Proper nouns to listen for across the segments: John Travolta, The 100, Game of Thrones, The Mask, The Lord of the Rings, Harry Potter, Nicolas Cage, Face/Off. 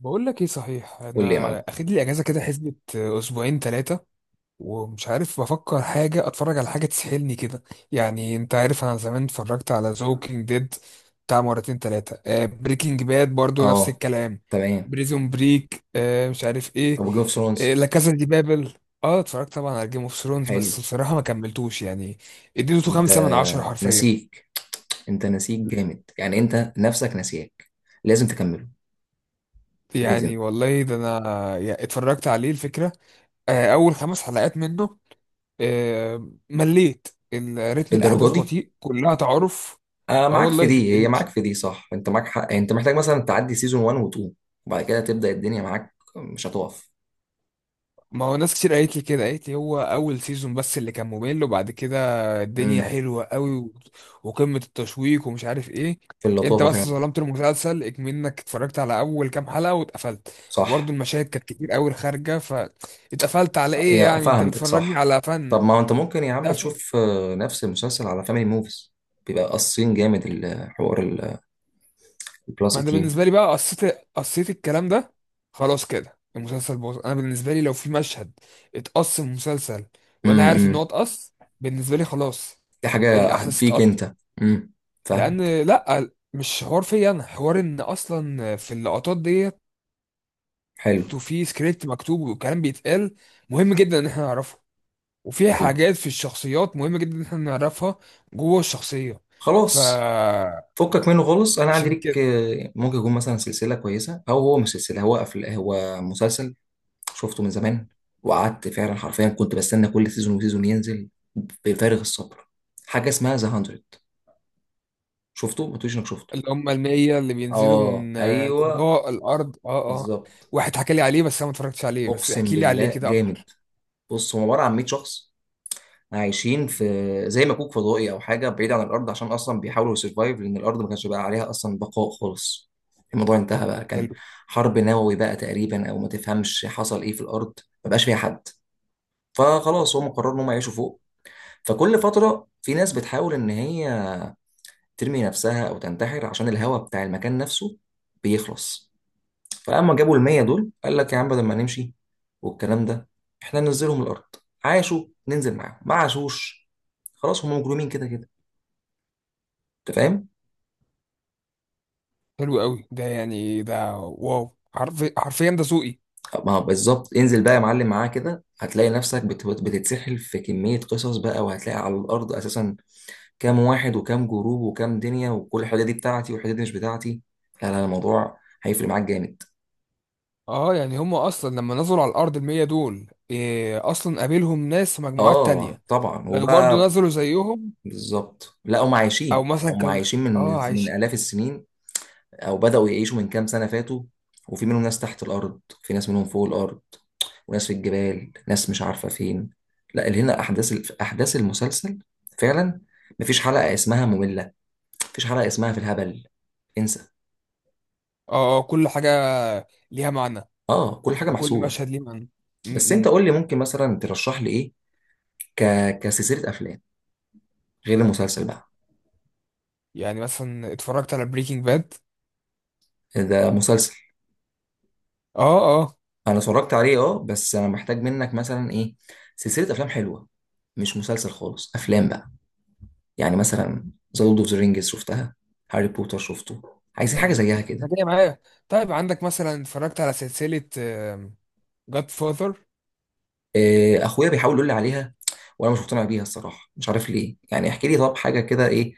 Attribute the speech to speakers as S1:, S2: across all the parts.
S1: بقول لك ايه؟ صحيح،
S2: قول لي يا
S1: انا
S2: معلم.
S1: اخد لي اجازه كده، حسبه اسبوعين ثلاثه. ومش عارف بفكر حاجه اتفرج على حاجه تسحلني كده. يعني انت عارف، انا زمان اتفرجت على زوكينج ديد بتاع مرتين ثلاثه. بريكنج باد برضو نفس
S2: اه،
S1: الكلام.
S2: تمام.
S1: بريزون بريك، مش عارف ايه.
S2: طب جيم اوف
S1: آه،
S2: ثرونز؟
S1: لا، كازا دي بابل. اه، اتفرجت طبعا على جيم اوف ثرونز، بس
S2: حلو.
S1: بصراحه ما كملتوش يعني. اديته
S2: انت
S1: خمسة من عشرة حرفيا.
S2: نسيك انت نسيك جامد، يعني انت نفسك نسيك، لازم تكمله. لازم.
S1: يعني والله، ده انا اتفرجت عليه الفكره. اول خمس حلقات منه. مليت. الريتم،
S2: الدرجه
S1: الاحداث
S2: دي؟
S1: بطيء، كلها تعارف. اه
S2: معاك في
S1: والله،
S2: دي، هي معاك في دي، صح، انت معاك حق. يعني انت محتاج مثلا تعدي سيزون 1 و 2، وبعد كده تبدا الدنيا معاك مش هتقف.
S1: ما هو ناس كتير قالت لي كده، قالت لي هو اول سيزون بس اللي كان ممل، وبعد كده الدنيا
S2: امم
S1: حلوه قوي، وقمه التشويق ومش عارف ايه.
S2: في
S1: انت
S2: اللطافه
S1: بس
S2: فعلا.
S1: ظلمت المسلسل، اكمنك اتفرجت على اول كام حلقه واتقفلت. وبرضه
S2: صح.
S1: المشاهد كانت كتير قوي خارجه، فاتقفلت على
S2: آه،
S1: ايه؟
S2: يا
S1: يعني انت
S2: فاهمتك،
S1: بتفرجني
S2: صح.
S1: على
S2: طب
S1: فن.
S2: ما انت ممكن يا عم
S1: ده؟
S2: تشوف نفس المسلسل على فاميلي موفيز، بيبقى قاصين جامد الحوار، البلس
S1: ما انا
S2: 18.
S1: بالنسبه لي بقى قصيت. قصيت الكلام ده. خلاص كده، المسلسل باظ. انا بالنسبه لي، لو في مشهد اتقص من المسلسل وانا عارف ان هو
S2: امم
S1: اتقص، بالنسبه لي خلاص،
S2: دي حاجة
S1: الاحداث
S2: فيك
S1: اتقطت.
S2: انت. امم فاهمك.
S1: لان لا، مش حوار فيا، انا حوار ان اصلا في اللقطات ديت،
S2: حلو.
S1: وفي سكريبت مكتوب وكلام بيتقال مهم جدا ان احنا نعرفه. وفي
S2: حلو،
S1: حاجات في الشخصيات مهمه جدا ان احنا نعرفها جوه الشخصيه. ف
S2: خلاص، فكك منه خالص. انا عندي ليك ممكن يكون مثلا سلسلة كويسة، او هو مش سلسلة، هو هو مسلسل، شفته من زمان، وقعدت فعلا حرفيا كنت بستنى كل سيزون وسيزون ينزل بفارغ الصبر. حاجة اسمها ذا 100. شفته؟ ما تقوليش انك شفته.
S1: اللي هم المية اللي بينزلوا
S2: اه،
S1: من
S2: ايوه،
S1: الفضاء، الأرض. اه اه.
S2: بالظبط.
S1: واحد حكى لي عليه، بس أنا ما اتفرجتش عليه. بس
S2: اقسم
S1: احكي لي عليه
S2: بالله
S1: كده
S2: جامد.
S1: أكتر.
S2: بص، هو عبارة عن 100 شخص عايشين في زي مكوك فضائي او حاجه بعيد عن الارض، عشان اصلا بيحاولوا يسرفايف، لان الارض ما كانش بقى عليها اصلا بقاء خالص، الموضوع انتهى بقى، كان
S1: حلو.
S2: حرب نووي بقى تقريبا او ما تفهمش حصل ايه في الارض، ما بقاش فيها حد. فخلاص هم قرروا ان هم يعيشوا فوق، فكل فتره في ناس بتحاول ان هي ترمي نفسها او تنتحر عشان الهواء بتاع المكان نفسه بيخلص. فلما جابوا المية دول، قال لك يا عم بدل ما نمشي والكلام ده، احنا ننزلهم الارض، عاشوا ننزل معاهم، ما عاشوش خلاص هم مجرمين كده كده. انت فاهم.
S1: حلو قوي ده، يعني ده واو، حرفي، حرفيا ده ذوقي.
S2: ما هو بالظبط، انزل بقى يا معلم معاه كده، هتلاقي نفسك بتتسحل في كمية قصص بقى، وهتلاقي على الأرض أساسا كام واحد، وكام جروب، وكام دنيا، وكل الحاجات دي بتاعتي والحاجات دي مش بتاعتي. لا، لا، الموضوع هيفرق معاك جامد.
S1: اه، يعني هم أصلا لما نزلوا على الأرض، المية دول، إيه أصلا؟ قابلهم ناس في مجموعات
S2: اه،
S1: تانية
S2: طبعا،
S1: كانوا برضو
S2: وبقى
S1: نزلوا زيهم؟
S2: بالظبط، لا، هم
S1: أو
S2: عايشين
S1: مثلا
S2: هم
S1: كانوا،
S2: عايشين من
S1: اه
S2: من
S1: عايش.
S2: آلاف السنين، او بدأوا يعيشوا من كام سنة فاتوا، وفي منهم ناس تحت الارض، في ناس منهم فوق الارض، وناس في الجبال، ناس مش عارفة فين. لا، اللي هنا احداث المسلسل فعلا، مفيش حلقة اسمها مملة، مفيش حلقة اسمها في الهبل، انسى.
S1: اه اه، كل حاجة ليها معنى،
S2: اه، كل حاجة
S1: وكل
S2: محسوبة.
S1: مشهد ليه معنى.
S2: بس
S1: م
S2: انت
S1: -م.
S2: قول لي، ممكن مثلا ترشح لي ايه، ك... كسلسلة افلام، غير المسلسل بقى.
S1: يعني مثلا اتفرجت على بريكنج باد.
S2: ده مسلسل،
S1: اه اه.
S2: انا اتفرجت عليه، اه، بس انا محتاج منك مثلا ايه، سلسلة افلام حلوة، مش مسلسل خالص، افلام بقى. يعني مثلا ذا لورد اوف ذا رينجز شفتها، هاري بوتر شفته، عايزين حاجه
S1: أم،
S2: زيها
S1: انا
S2: كده.
S1: جاي معايا. طيب، عندك مثلا اتفرجت على سلسلة جاد فاذر؟
S2: اخويا بيحاول يقول لي عليها، وانا مش مقتنع بيها الصراحه، مش عارف ليه، يعني احكي لي طب حاجه كده ايه،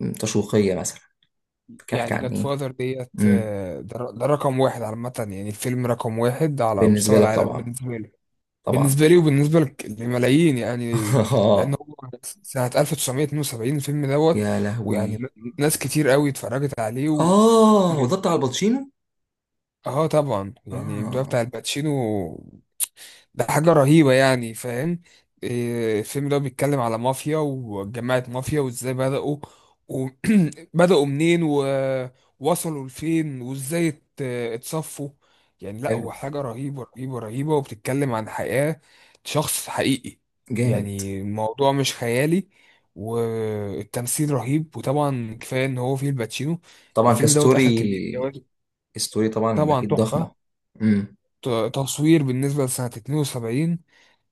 S2: تشويقيه مثلا، كان احكي
S1: يعني
S2: عن
S1: جاد
S2: ايه.
S1: فاذر ديت،
S2: امم
S1: ده ده رقم واحد عامة. يعني الفيلم رقم واحد على
S2: بالنسبه
S1: مستوى
S2: لك
S1: العالم
S2: طبعا.
S1: بالنسبة لي.
S2: طبعا.
S1: بالنسبة لي وبالنسبة لملايين يعني. لأن
S2: آه،
S1: هو سنة 1972 الفيلم دوت.
S2: يا
S1: ويعني
S2: لهوي.
S1: ناس كتير قوي اتفرجت عليه.
S2: اه، هو
S1: من-
S2: ده بتاع الباتشينو.
S1: اه طبعا، يعني البداية بتاع
S2: اه.
S1: الباتشينو، ده حاجة رهيبة يعني، فاهم؟ إيه، الفيلم ده بيتكلم على مافيا وجماعة مافيا وازاي بدأوا. وبدأوا منين، ووصلوا لفين، وازاي اتصفوا. يعني لا،
S2: حلو.
S1: هو حاجة رهيبة رهيبة رهيبة، وبتتكلم عن حياة شخص حقيقي.
S2: جامد.
S1: يعني الموضوع مش خيالي، والتمثيل رهيب، وطبعا كفاية ان هو فيه الباتشينو.
S2: طبعا،
S1: الفيلم دوت أخد
S2: كستوري.
S1: كمية جوائز.
S2: ستوري طبعا
S1: طبعا
S2: اكيد
S1: تحفة.
S2: ضخمه. امم
S1: تصوير بالنسبة لسنة 72،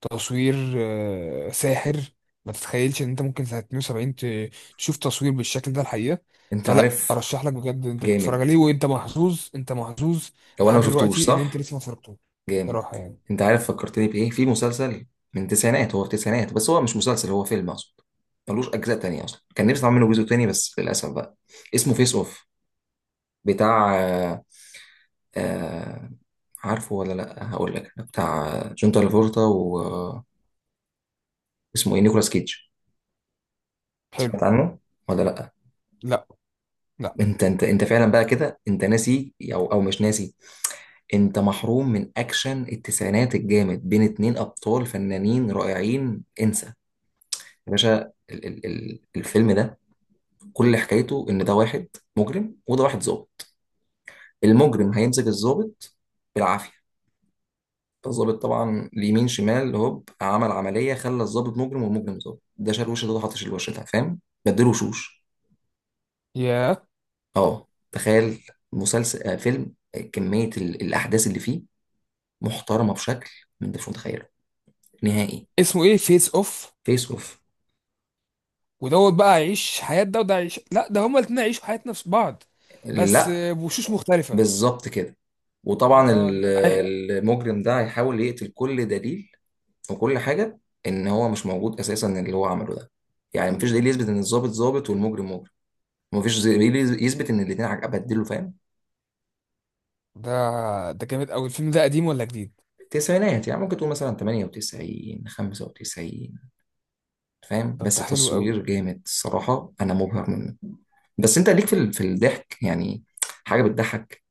S1: تصوير ساحر. ما تتخيلش ان انت ممكن سنة 72 تشوف تصوير بالشكل ده، الحقيقة.
S2: انت
S1: فلا،
S2: عارف.
S1: ارشح لك بجد انت تتفرج
S2: جامد.
S1: عليه، وانت محظوظ. انت محظوظ
S2: لو انا ما
S1: لحد
S2: شفتوش،
S1: دلوقتي ان انت
S2: صح؟
S1: لسه ما اتفرجتوش،
S2: جامد.
S1: صراحة يعني.
S2: انت عارف فكرتني بايه؟ في مسلسل من التسعينات، هو في التسعينات، بس هو مش مسلسل، هو فيلم اقصد، ملوش اجزاء تانية، اصلا كان نفسي اعمل منه جزء تاني بس للاسف بقى. اسمه فيس اوف، بتاع آه، عارفه ولا لا؟ هقول لك بتاع جون ترافولتا، واسمه ايه، نيكولاس كيدج.
S1: حلو.
S2: سمعت عنه ولا لا؟
S1: لا. لا.
S2: انت، انت فعلا بقى كده، انت ناسي او مش ناسي. انت محروم من اكشن التسعينات الجامد، بين اتنين ابطال فنانين رائعين، انسى. يا باشا، ال ال ال الفيلم ده كل حكايته ان ده واحد مجرم وده واحد ظابط. المجرم هيمسك الظابط بالعافيه، فالظابط طبعا اليمين شمال هوب عمل عمليه خلى الظابط مجرم والمجرم ظابط، ده شال وش ده، حاطش الوش ده، فاهم؟ بدله وشوش.
S1: يا
S2: اه، تخيل. مسلسل آه فيلم، كميه الاحداث اللي فيه محترمه بشكل ما انتش متخيله نهائي.
S1: اسمه ايه؟ فيس اوف؟
S2: فيس اوف.
S1: ودوت بقى عيش حياة ده وده عيش؟ لا، ده هما الاتنين عيشوا حياة نفس بعض، بس
S2: لا،
S1: بوشوش مختلفة.
S2: بالظبط كده. وطبعا
S1: اه اه،
S2: المجرم ده هيحاول يقتل كل دليل وكل حاجه، ان هو مش موجود اساسا اللي هو عمله ده. يعني مفيش دليل يثبت ان الظابط ظابط والمجرم مجرم، مفيش دليل يثبت ان الاثنين بدلوا، فاهم؟
S1: ده ده جامد قوي. الفيلم ده قديم ولا جديد؟
S2: التسعينات، يعني ممكن تقول مثلا 98، 95، فاهم،
S1: طب
S2: بس
S1: ده حلو قوي.
S2: تصوير جامد الصراحه، انا مبهر منه. بس انت ليك في في الضحك يعني؟ حاجه بتضحك؟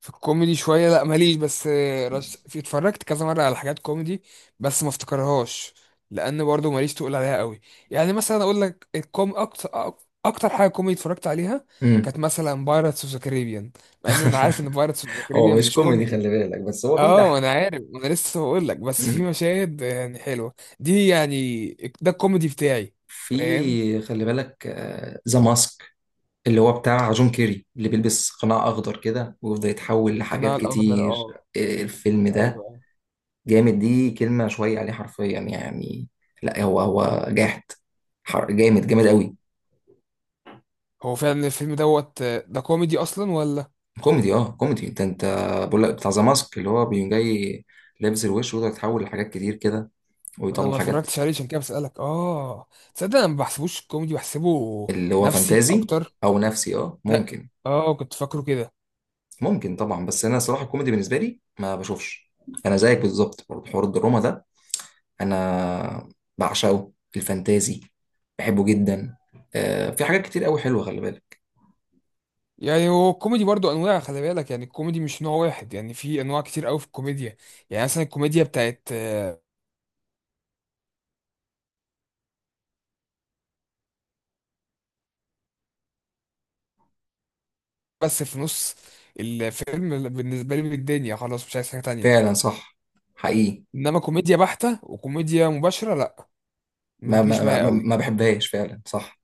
S1: في الكوميدي شوية لا، ماليش. بس في، اتفرجت كذا مرة على حاجات كوميدي، بس ما افتكرهاش، لأن برضو ماليش تقول عليها قوي. يعني مثلا أقول لك، أكتر حاجة كوميدي اتفرجت عليها
S2: امم
S1: كانت مثلا بايرتس اوف ذا كاريبيان، مع إن أنا عارف إن بايرتس اوف ذا
S2: هو
S1: كاريبيان
S2: مش
S1: مش
S2: كوميدي
S1: كوميدي.
S2: خلي بالك، بس هو فيه
S1: اه، انا
S2: ضحك.
S1: عارف. انا لسه بقول لك، بس في
S2: امم
S1: مشاهد يعني حلوه دي يعني، ده الكوميدي بتاعي، فاهم؟
S2: في، خلي بالك، ذا ماسك، اللي هو بتاع جون كيري، اللي بيلبس قناع أخضر كده ويفضل يتحول لحاجات
S1: القناع الاخضر،
S2: كتير.
S1: اه.
S2: الفيلم ده
S1: ايوه.
S2: جامد، دي كلمة شوية عليه حرفيا يعني، لا هو جاحد، جامد، جامد قوي.
S1: هو فعلا الفيلم دوت ده كوميدي اصلا ولا؟
S2: كوميدي، اه، كوميدي، انت بقول لك بتاع ذا ماسك اللي هو بيقوم جاي لابس الوش ويقدر يتحول لحاجات كتير كده
S1: ما انا
S2: ويطلع
S1: ما
S2: حاجات.
S1: اتفرجتش عليه، عشان كده بسألك، اه. تصدق انا ما بحسبوش كوميدي، بحسبه
S2: اللي هو
S1: نفسي
S2: فانتازي
S1: اكتر.
S2: او نفسي، اه،
S1: لا،
S2: ممكن.
S1: اه كنت فاكره كده.
S2: ممكن طبعا، بس انا صراحة الكوميدي بالنسبة لي ما بشوفش، انا زيك بالظبط برضه، حوار الدراما ده انا بعشقه. الفانتازي بحبه جدا. في حاجات كتير قوي حلوه، خلي بالك.
S1: يعني هو الكوميدي برضو انواع، خلي بالك. يعني الكوميدي مش نوع واحد، يعني في انواع كتير قوي في الكوميديا. يعني مثلا الكوميديا بتاعت بس في نص الفيلم بالنسبه لي بالدنيا، خلاص مش عايز حاجه تانية.
S2: فعلا صح، حقيقي.
S1: انما كوميديا بحته وكوميديا مباشره، لا، ما
S2: ما
S1: بتجيش
S2: ما ما,
S1: معايا
S2: ما
S1: قوي.
S2: ما بحبهاش فعلا، صح.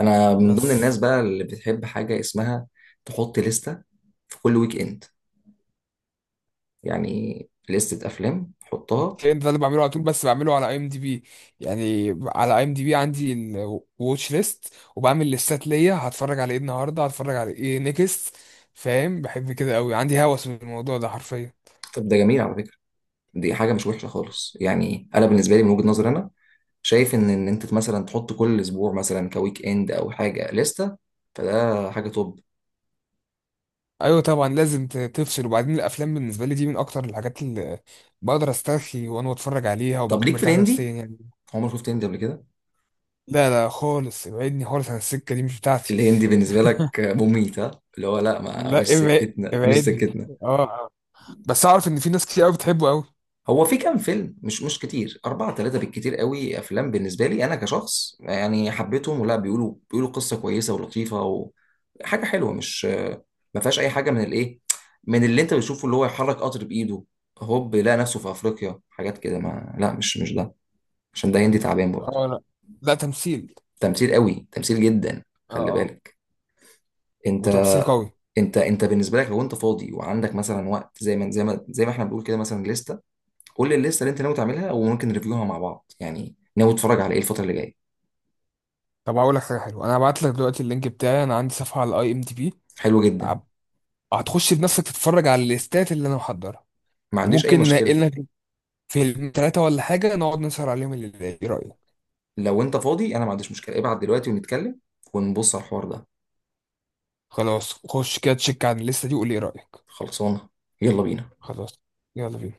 S2: انا من ضمن
S1: بس
S2: الناس بقى اللي بتحب حاجه اسمها تحط لستة في كل ويك اند، يعني لستة افلام حطها.
S1: الكلام ده اللي بعمله على طول، بس بعمله على اي ام دي بي. يعني على اي ام دي بي عندي الواتش ليست، وبعمل ليستات ليا، هتفرج على ايه النهارده، هتفرج على ايه نيكست. فاهم، بحب كده قوي، عندي هوس من الموضوع ده حرفيا.
S2: طب ده جميل على فكره، دي حاجه مش وحشه خالص، يعني انا بالنسبه لي من وجهه نظري انا شايف ان انت مثلا تحط كل اسبوع مثلا كويك اند او حاجه لستة، فده حاجه توب.
S1: ايوه طبعا لازم تفصل. وبعدين الافلام بالنسبه لي دي من اكتر الحاجات اللي بقدر استرخي وانا بتفرج عليها،
S2: طب
S1: وبكون
S2: ليك في
S1: مرتاح
S2: الهندي،
S1: نفسيا يعني.
S2: عمر شفت هندي قبل كده؟
S1: لا لا خالص، ابعدني خالص عن السكه دي، مش بتاعتي.
S2: الهندي بالنسبه لك مميت، ها؟ اللي هو لا، ما
S1: لا،
S2: مش سكتنا، مش
S1: ابعدني.
S2: سكتنا.
S1: اه آه. بس اعرف ان في ناس كتير قوي بتحبه قوي.
S2: هو في كام فيلم، مش كتير، أربعة، ثلاثة بالكتير قوي، أفلام بالنسبة لي أنا كشخص يعني حبيتهم، ولا بيقولوا قصة كويسة ولطيفة وحاجة حلوة، مش ما فيهاش أي حاجة من الإيه، من اللي أنت بتشوفه، اللي هو يحرك قطر بإيده هوب يلاقي نفسه في أفريقيا، حاجات كده ما، لا مش ده، عشان ده هندي تعبان برضه.
S1: اه، لا. لا، تمثيل.
S2: تمثيل قوي، تمثيل جدا،
S1: اه
S2: خلي
S1: اه.
S2: بالك. انت،
S1: وتمثيل قوي.
S2: انت بالنسبه لك لو انت فاضي وعندك مثلا وقت، زي ما احنا بنقول كده، مثلا لسته، قول لي الليسته اللي انت ناوي تعملها وممكن نريفيوها مع بعض، يعني ناوي تتفرج على ايه الفتره اللي جايه.
S1: طب هقول لك حاجه حلوه، انا هبعت لك دلوقتي اللينك بتاعي، انا عندي صفحه على اي ام دي بي.
S2: حلو جدا.
S1: هتخش بنفسك تتفرج على الليستات اللي انا محضرها،
S2: ما عنديش اي
S1: وممكن
S2: مشكله.
S1: ننقلنا فيلم ثلاثه ولا حاجه، نقعد نسهر عليهم الليل، ايه رايك؟
S2: لو انت فاضي انا ما عنديش مشكله، ابعت دلوقتي ونتكلم ونبص على الحوار ده.
S1: خلاص، خش كده تشيك عن الليسته دي وقول لي ايه رايك.
S2: خلصانه. يلا بينا.
S1: خلاص، يلا بينا.